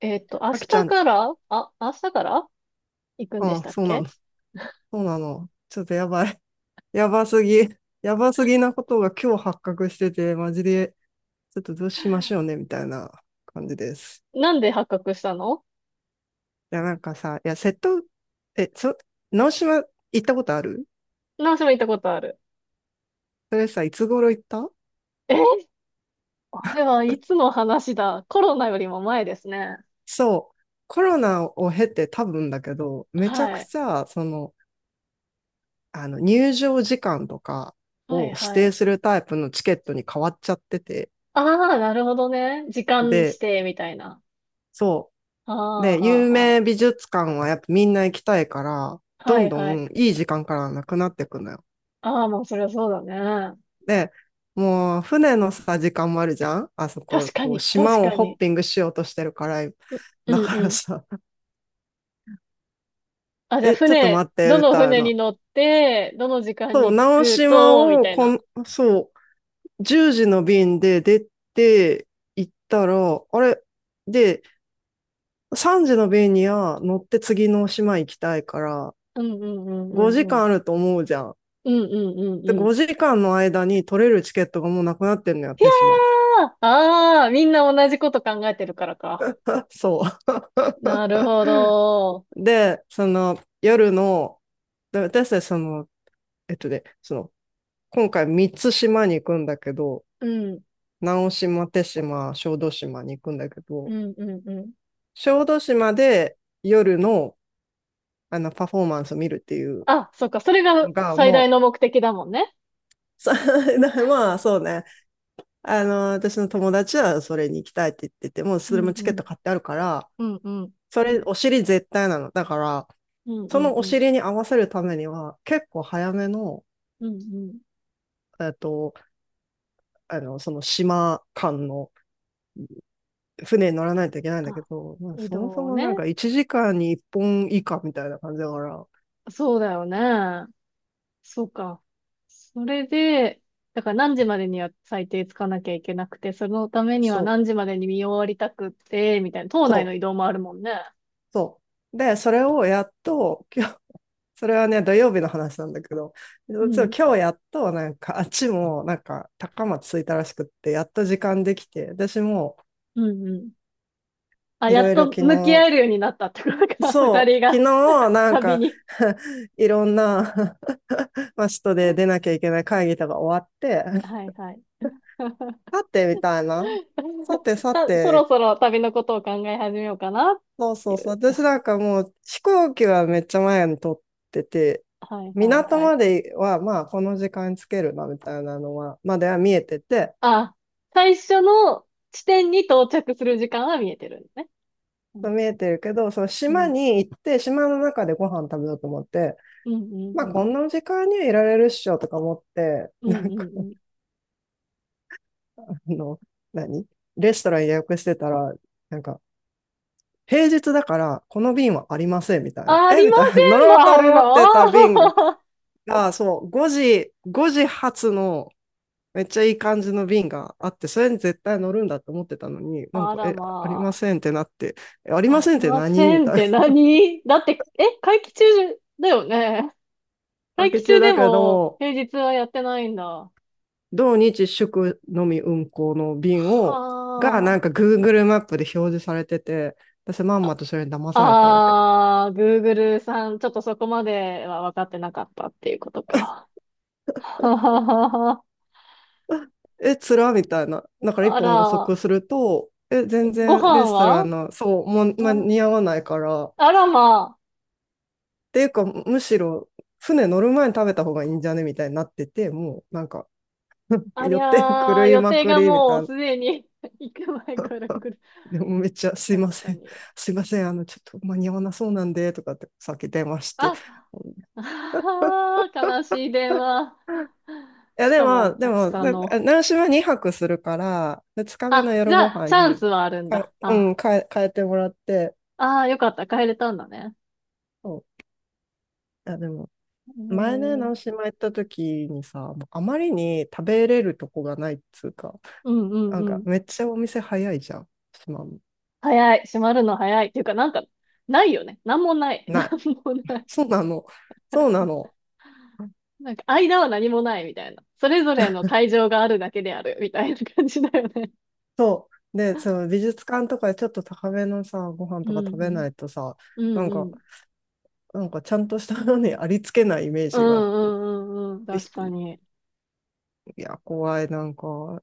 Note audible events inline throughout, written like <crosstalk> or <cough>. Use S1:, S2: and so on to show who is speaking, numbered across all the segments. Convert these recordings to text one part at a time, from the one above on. S1: あきちゃん、
S2: 明日から行くんでし
S1: あ、
S2: たっ
S1: そうなの。
S2: け？
S1: そうなの。ちょっとやばい。やばすぎ。やばすぎなことが今日発覚してて、マジで、ちょっとどうしましょうね、みたいな感じです。
S2: なんで発覚したの？
S1: いや、なんかさ、いや、瀬戸、え、そ、直島行ったことある？
S2: 何しも行ったことある。
S1: それさ、いつ頃行った？
S2: えあれはいつの話だ？コロナよりも前ですね。
S1: そう。コロナを経て多分だけど、めちゃく
S2: はい。
S1: ちゃ、入場時間とか
S2: は
S1: を
S2: い
S1: 指
S2: は
S1: 定
S2: い。
S1: するタイプのチケットに変わっちゃってて、
S2: ああ、なるほどね。時間指
S1: で、
S2: 定みたいな。
S1: そ
S2: あ
S1: う。
S2: あ、
S1: で、
S2: は
S1: 有
S2: あ、は
S1: 名美術館はやっぱみんな行きたいから、
S2: あ。
S1: ど
S2: は
S1: ん
S2: い
S1: ど
S2: はい。
S1: んいい時間からなくなってくのよ。
S2: ああ、もうそりゃそうだね。
S1: で、もう船のさ、時間もあるじゃんあそこ、
S2: 確か
S1: こう
S2: に、
S1: 島
S2: 確
S1: を
S2: か
S1: ホッ
S2: に。
S1: ピングしようとしてるから、
S2: う、う
S1: だ
S2: ん
S1: か
S2: う
S1: ら
S2: ん。
S1: さ、<laughs>
S2: あ、じゃあ
S1: え、ちょっと
S2: 船、
S1: 待って、
S2: ど
S1: み
S2: の
S1: たい
S2: 船
S1: な。
S2: に乗って、どの時間
S1: そう、
S2: に着
S1: 直
S2: く
S1: 島
S2: と、み
S1: を
S2: たい
S1: こ
S2: な。
S1: ん、そう、10時の便で出て行ったら、あれで、3時の便には乗って次の島行きたいから、
S2: うんうんうんう
S1: 5
S2: んう
S1: 時間
S2: ん。
S1: あると思うじゃん。
S2: うんうんうん
S1: で、
S2: うん。
S1: 5時間の間に取れるチケットがもうなくなってんのよ、
S2: いや
S1: 手島。
S2: ー、ああー、みんな同じこと考えてるからか。
S1: そ
S2: なるほど。
S1: う。で、その、夜の、私たちえっとね、その、今回三つ島に行くんだけど、
S2: うん、
S1: 直島、手島、小豆島に行くんだけ
S2: う
S1: ど、
S2: んうんうん。
S1: 小豆島で夜の、あの、パフォーマンスを見るっていう
S2: あ、そっか、それが
S1: のが、
S2: 最大
S1: も
S2: の目的だもんね。
S1: う、<laughs> さまあ、そうね。あの、私の友達はそれに行きたいって言ってて、もう
S2: う
S1: それも
S2: ん
S1: チ
S2: う
S1: ケット
S2: ん。
S1: 買ってあるから、
S2: うんうん。
S1: それ、お尻絶対なの。だから、
S2: うん
S1: そ
S2: うん
S1: のお
S2: うん。
S1: 尻に合わせるためには、結構早めの、
S2: うんうん。
S1: えっと、その島間の船に乗らないといけないんだけ
S2: あ、
S1: ど、まあ
S2: 移
S1: そもそ
S2: 動
S1: もなん
S2: ね。
S1: か1時間に1本以下みたいな感じだから、
S2: そうだよね。そうか。それで、だから何時までには最低つかなきゃいけなくて、そのためには
S1: そ
S2: 何時までに見終わりたくって、みたいな、島
S1: う、そ
S2: 内の
S1: う、
S2: 移動もあるもんね。
S1: そう。で、それをやっと、今日、それはね、土曜日の話なんだけど、
S2: う
S1: 実は
S2: ん、
S1: 今日やっと、なんか、あっちも、なんか、高松着いたらしくって、やっと時間できて、私も、
S2: うん、うん。あ、
S1: い
S2: や
S1: ろ
S2: っ
S1: いろ
S2: と
S1: 昨
S2: 向き合
S1: 日、
S2: えるようになったってことか、<laughs> 二
S1: そ
S2: 人
S1: う、昨
S2: が
S1: 日、なん
S2: 旅
S1: か、
S2: に。
S1: <laughs> いろんなまあ、人で出なきゃいけない会議とか終わって、
S2: はい
S1: <laughs>
S2: はい。
S1: さて、みたいな。さて、
S2: <laughs>
S1: さ
S2: さ、そ
S1: て、
S2: ろそろ旅のことを考え始めようかなっ
S1: そうそ
S2: て
S1: う
S2: い
S1: そう。
S2: う。
S1: 私なんかもう飛行機はめっちゃ前に撮ってて、
S2: はいはい
S1: 港
S2: はい。
S1: まではまあこの時間につけるな、みたいなのは、までは見えてて、
S2: あ、最初の地点に到着する時間は見えてるんですね。うん、
S1: 見えてるけど、その
S2: う
S1: 島
S2: ん、
S1: に行って、島の中でご飯食べようと思って、
S2: うん、う
S1: まあこ
S2: ん、
S1: んな時間にはいられるっしょとか思って、
S2: うん、う
S1: なん
S2: んうん
S1: か、
S2: うん。
S1: あの、何レストラン予約してたら、なんか、平日だから、この便はありません、みたいな。
S2: あ
S1: え
S2: り
S1: み
S2: ま
S1: たいな。<laughs> 乗
S2: せん
S1: ろう
S2: も
S1: と
S2: ある
S1: 思
S2: の？
S1: ってた便が、あそう、5時発の、めっちゃいい感じの便があって、それに絶対乗るんだと思ってたのに、
S2: <laughs>
S1: なん
S2: あ
S1: か、
S2: ら
S1: え、ありま
S2: ま
S1: せんってなって、え、あり
S2: あ。あ
S1: ません
S2: り
S1: って
S2: ま
S1: 何
S2: せ
S1: み
S2: んっ
S1: たい
S2: て何だって、会期中だよね。
S1: な。<laughs> 明
S2: 待
S1: け
S2: 機
S1: 中
S2: 中で
S1: だけ
S2: も
S1: ど、
S2: 平日はやってないんだ。
S1: 同日祝のみ運行の便を、が、なん
S2: は
S1: か Google マップで表示されてて、私まんま
S2: あ。
S1: とそれに騙されたわけ。
S2: あ、あー、Google さん、ちょっとそこまでは分かってなかったっていうことか。<laughs> はははは。
S1: え、つらみたいな。だから一
S2: あ
S1: 本遅
S2: ら、
S1: くすると、え、全
S2: ご
S1: 然レ
S2: 飯
S1: ストラ
S2: は
S1: ンの、そう、もう、ま、
S2: あ、
S1: 似合わないから。っ
S2: あらま
S1: ていうか、むしろ、船乗る前に食べた方がいいんじゃねみたいになってて、もうなんか、
S2: あ、あ
S1: 寄
S2: り
S1: って
S2: ゃ
S1: 狂
S2: ー、
S1: い
S2: 予
S1: ま
S2: 定
S1: く
S2: が
S1: りみた
S2: も
S1: い
S2: う
S1: な。
S2: すでに <laughs> 行く前から来る。
S1: でもめっちゃすいま
S2: 確
S1: せ
S2: か
S1: ん、
S2: に。
S1: <laughs> すいません、あの、ちょっと間に合わなそうなんで、とかってさっき電話して。
S2: あ、
S1: <laughs> うん、
S2: あー、悲しい電話。
S1: いや、
S2: し
S1: で
S2: か
S1: も、
S2: も
S1: で
S2: 明
S1: も、
S2: 日の。
S1: な習志は2泊するから、2日目の
S2: あ、じ
S1: 夜
S2: ゃ
S1: ご
S2: あ、
S1: 飯
S2: チャン
S1: に、
S2: スはあるん
S1: はい、
S2: だ。
S1: う
S2: あ
S1: ん、変えてもらって、
S2: ああ、よかった。帰れたんだね。
S1: そう。いや、でも、
S2: うー
S1: 前ね、
S2: ん、う
S1: 直
S2: ん
S1: 島行った時にさ、もうあまりに食べれるとこがないっつうか、
S2: うん
S1: なん
S2: う
S1: か
S2: ん。
S1: めっちゃお店早いじゃん、島も。
S2: 早い。閉まるの早い。っていうか、なんか、ないよね。なんもない。<laughs>
S1: な
S2: なん
S1: い。
S2: もない。
S1: そうなの。そうなの。
S2: なんか、間は何もないみたいな。それぞれの会場があるだけであるみたいな感じだよね。
S1: そう。で、その美術館とかでちょっと高めのさ、ご飯
S2: う
S1: と
S2: ん
S1: か食べ
S2: う
S1: な
S2: ん。
S1: いとさ、
S2: う
S1: なん
S2: んう
S1: か、
S2: ん。
S1: なんかちゃんとしたのにありつけないイメー
S2: う
S1: ジがあっ
S2: ん
S1: て。
S2: うんうんうん。
S1: でし
S2: 確かに。
S1: いや、怖い。なんか、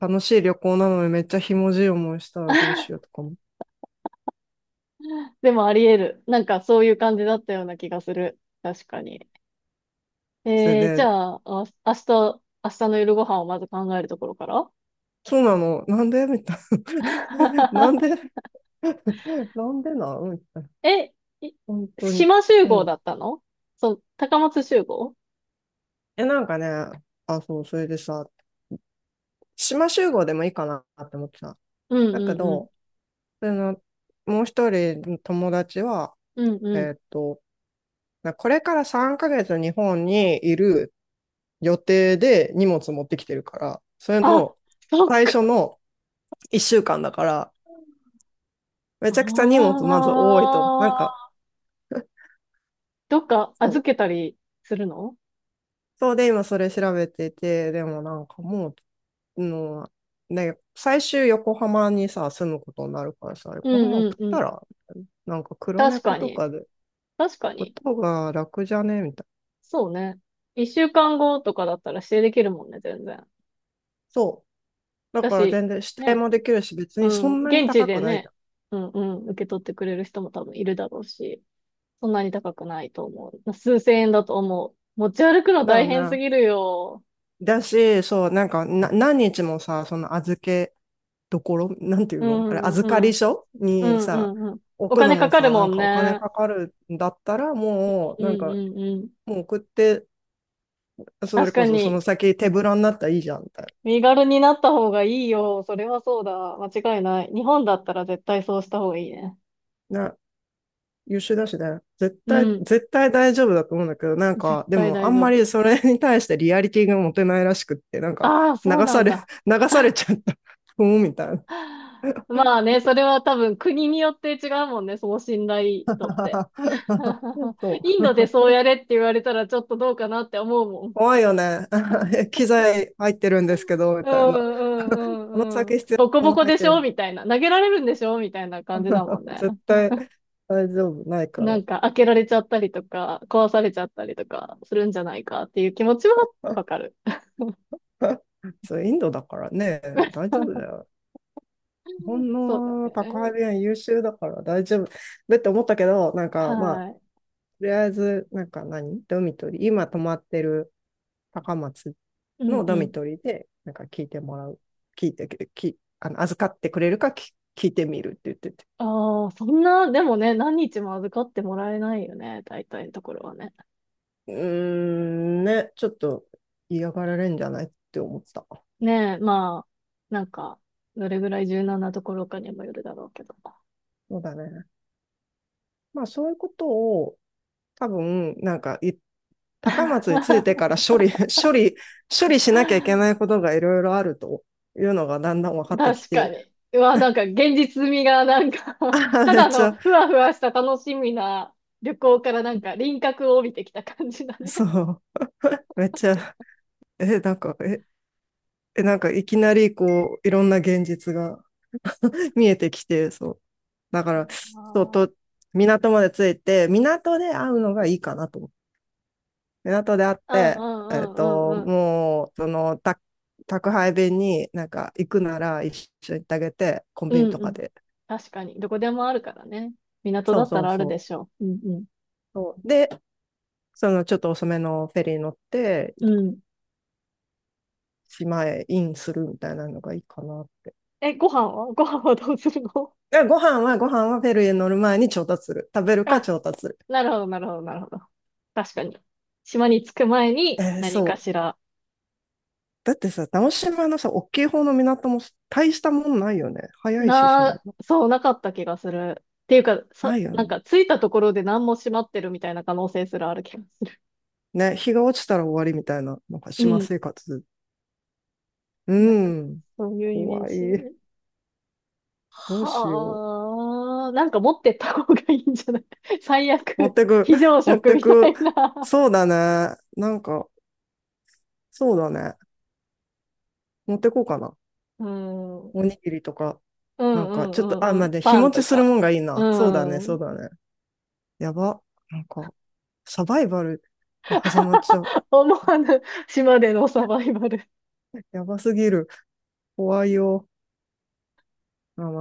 S1: 楽しい旅行なのにめっちゃひもじい思いしたらどうしようと
S2: <laughs>
S1: かも。
S2: でもあり得る。なんかそういう感じだったような気がする。確かに。
S1: それ
S2: じ
S1: で、
S2: ゃあ、明日の夜ご飯をまず考えるところから
S1: そうなの。なんでみたいな。<laughs> なんで
S2: <laughs>
S1: <laughs> なんでな、うん、
S2: え、い
S1: 本当に。
S2: 島集
S1: う
S2: 合
S1: ん。
S2: だったの？そう、高松集合？
S1: え、なんかね、あ、そう、それでさ、島集合でもいいかなって思ってさ。
S2: うん
S1: だけ
S2: うんうん。
S1: ど、その、もう一人の友達は、
S2: うんう
S1: え
S2: ん。
S1: ーっと、なこれから3ヶ月日本にいる予定で荷物持ってきてるから、それ
S2: あ、
S1: の
S2: そっ
S1: 最
S2: か。
S1: 初の1週間だから、め
S2: あ
S1: ちゃくちゃ荷物まず多いと、なんか、
S2: あ、
S1: <laughs>
S2: どっか
S1: そ
S2: 預
S1: う
S2: けたりするの？
S1: そうで、今それ調べてて、でもなんかもう、の、ね、最終横浜にさ、住むことになるからさ、
S2: う
S1: 横浜
S2: んう
S1: 送
S2: ん
S1: っ
S2: う
S1: た
S2: ん。
S1: ら、なんか黒
S2: 確
S1: 猫
S2: か
S1: と
S2: に。
S1: かで、
S2: 確か
S1: こ
S2: に。
S1: とが楽じゃねみたいな。
S2: そうね。一週間後とかだったら指定できるもんね、全然。
S1: そう。だ
S2: だ
S1: から
S2: し、
S1: 全然指定
S2: ね。
S1: もできるし、別
S2: う
S1: にそ
S2: ん。
S1: んなに
S2: 現地
S1: 高く
S2: で
S1: ないじゃ
S2: ね。
S1: ん。
S2: うんうん。受け取ってくれる人も多分いるだろうし。そんなに高くないと思う。数千円だと思う。持ち歩くの
S1: だよ
S2: 大変す
S1: ね。
S2: ぎるよ。
S1: だし、そう、なんかな、何日もさ、その預けどころ、なんていう
S2: う
S1: のあれ、
S2: ん、
S1: 預
S2: う
S1: か
S2: ん、う
S1: り
S2: ん、
S1: 所に
S2: う
S1: さ、
S2: ん、うん。
S1: 置
S2: お
S1: くの
S2: 金か
S1: も
S2: かる
S1: さ、な
S2: も
S1: ん
S2: ん
S1: かお金
S2: ね。
S1: かかるんだったら、もう、
S2: う
S1: なん
S2: ん、
S1: か、
S2: うん、うん。
S1: もう送ってそれ
S2: 確
S1: こ
S2: か
S1: そその
S2: に、
S1: 先手ぶらになったらいいじゃんみたい
S2: 身軽になった方がいいよ。それはそうだ。間違いない。日本だったら絶対そうした方がいいね。
S1: な。優秀だしね。
S2: うん。
S1: 絶対大丈夫だと思うんだけど、なん
S2: 絶
S1: か、で
S2: 対
S1: もあ
S2: 大
S1: ん
S2: 丈
S1: ま
S2: 夫。
S1: りそれに対してリアリティが持てないらしくって、なんか、
S2: ああ、
S1: 流
S2: そうな
S1: さ
S2: ん
S1: れ、
S2: だ。
S1: <laughs> 流されちゃった。うん、みたいな。
S2: <laughs> まあね、それは多分国によって違うもんね、その信頼度って。
S1: <laughs>
S2: <laughs>
S1: そ
S2: インド
S1: う。
S2: でそうやれって言われたらちょっとどうかなって思うもん。
S1: 怖いよね。<laughs> 機材入ってるんですけど、み
S2: う
S1: たい
S2: んう
S1: な。
S2: ん
S1: こ
S2: う
S1: の
S2: んう
S1: 先
S2: ん。
S1: 必要
S2: ボコ
S1: なも
S2: ボ
S1: の
S2: コ
S1: 入っ
S2: で
S1: て
S2: しょ
S1: る。
S2: みたいな。投げられるんでしょみたいな感じだもん
S1: <laughs>
S2: ね。
S1: 絶対大丈夫ないか
S2: な
S1: ら。
S2: んか開けられちゃったりとか、壊されちゃったりとかするんじゃないかっていう気持ちはわかる。
S1: <laughs> そう、インドだからね、大丈夫だよ。日本
S2: そうだ
S1: の宅配
S2: ね。
S1: 便は優秀だから大丈夫だって思ったけど、なんかまあ、
S2: はい。
S1: とりあえず、なんか何ドミトリー、今泊まってる高松
S2: う
S1: の
S2: ん
S1: ド
S2: う
S1: ミ
S2: ん。
S1: トリーで、なんか聞いてもらう、聞いて、き、あの、預かってくれるか聞いてみるって言ってて。
S2: ああ、そんな、でもね、何日も預かってもらえないよね。大体のところはね。
S1: うーん、ね、ちょっと嫌がられるんじゃないって思ってた。
S2: ねえ、まあ、なんか、どれぐらい柔軟なところかにもよるだろうけど。
S1: そうだね。まあ、そういうことを多分、なんか言っ高松に着いて
S2: <laughs>
S1: から処理、<laughs> 処理しなきゃいけないことがいろいろあるというのがだんだん分かってき
S2: 確か
S1: て、
S2: に。うわ、なんか現実味がなんか <laughs>
S1: あ、
S2: た
S1: めっ
S2: だ
S1: ち
S2: の
S1: ゃ、
S2: ふわふわした楽しみな旅行からなんか輪郭を帯びてきた感じだ
S1: そ
S2: ね。
S1: う、めっちゃ、え、なんか、え、えなんかいきなりこう、いろんな現実が <laughs> 見えてきて、そう。だから、そう
S2: あ
S1: と、港まで着いて、港で会うのがいいかなと。港で会っ
S2: あう
S1: て、
S2: ん
S1: えっ
S2: うんうんう
S1: と、
S2: んうん。
S1: もう、その、た宅配便になんか行くなら一緒に行ってあげて、コン
S2: う
S1: ビニと
S2: んう
S1: か
S2: ん。
S1: で。
S2: 確かに。どこでもあるからね。港
S1: そ
S2: だ
S1: う
S2: った
S1: そう
S2: らある
S1: そう。
S2: でしょう。うん
S1: そうで、そのちょっと遅めのフェリー乗って、
S2: うん。うん。
S1: 島へインするみたいなのがいいかなって。
S2: ご飯はどうするの？
S1: でご飯はフェリーへ乗る前に調達する。食べるか
S2: あ、
S1: 調達する。
S2: なるほどなるほどなるほど。確かに。島に着く前に
S1: えー
S2: 何か
S1: そう。
S2: しら。
S1: だってさ、直島のさ、大きい方の港も大したもんないよね。早いし、島でも。
S2: そう、なかった気がする。っていうか、
S1: な
S2: さ、
S1: いよ
S2: なん
S1: ね。
S2: か、着いたところで何も閉まってるみたいな可能性すらある気がする。
S1: ね、日が落ちたら終わりみたいな、なんか
S2: う
S1: 島
S2: ん。
S1: 生活。う
S2: なんか、
S1: ん。
S2: そういうイメー
S1: 怖
S2: ジ。
S1: い。どうしよう。
S2: はあ、なんか持ってった方がいいんじゃない？ <laughs> 最
S1: 持っ
S2: 悪、
S1: てく、
S2: 非常
S1: 持っ
S2: 食
S1: て
S2: みた
S1: く。
S2: いな。
S1: そうだね。なんか、そうだね。持ってこうかな。
S2: うん。うん
S1: おにぎりとか、
S2: う
S1: なん
S2: ん
S1: か、ちょ
S2: う
S1: っと、あ、
S2: ん
S1: ま
S2: う
S1: あ、
S2: ん。
S1: で、日
S2: パ
S1: 持
S2: ン
S1: ち
S2: と
S1: するも
S2: か。
S1: んがいいな。
S2: う
S1: そう
S2: ん。
S1: だね。やば。なんか、サバイバルが始まっちゃう。
S2: <laughs> 思わぬ島でのサバイバル。
S1: やばすぎる。怖いよ。まあまあ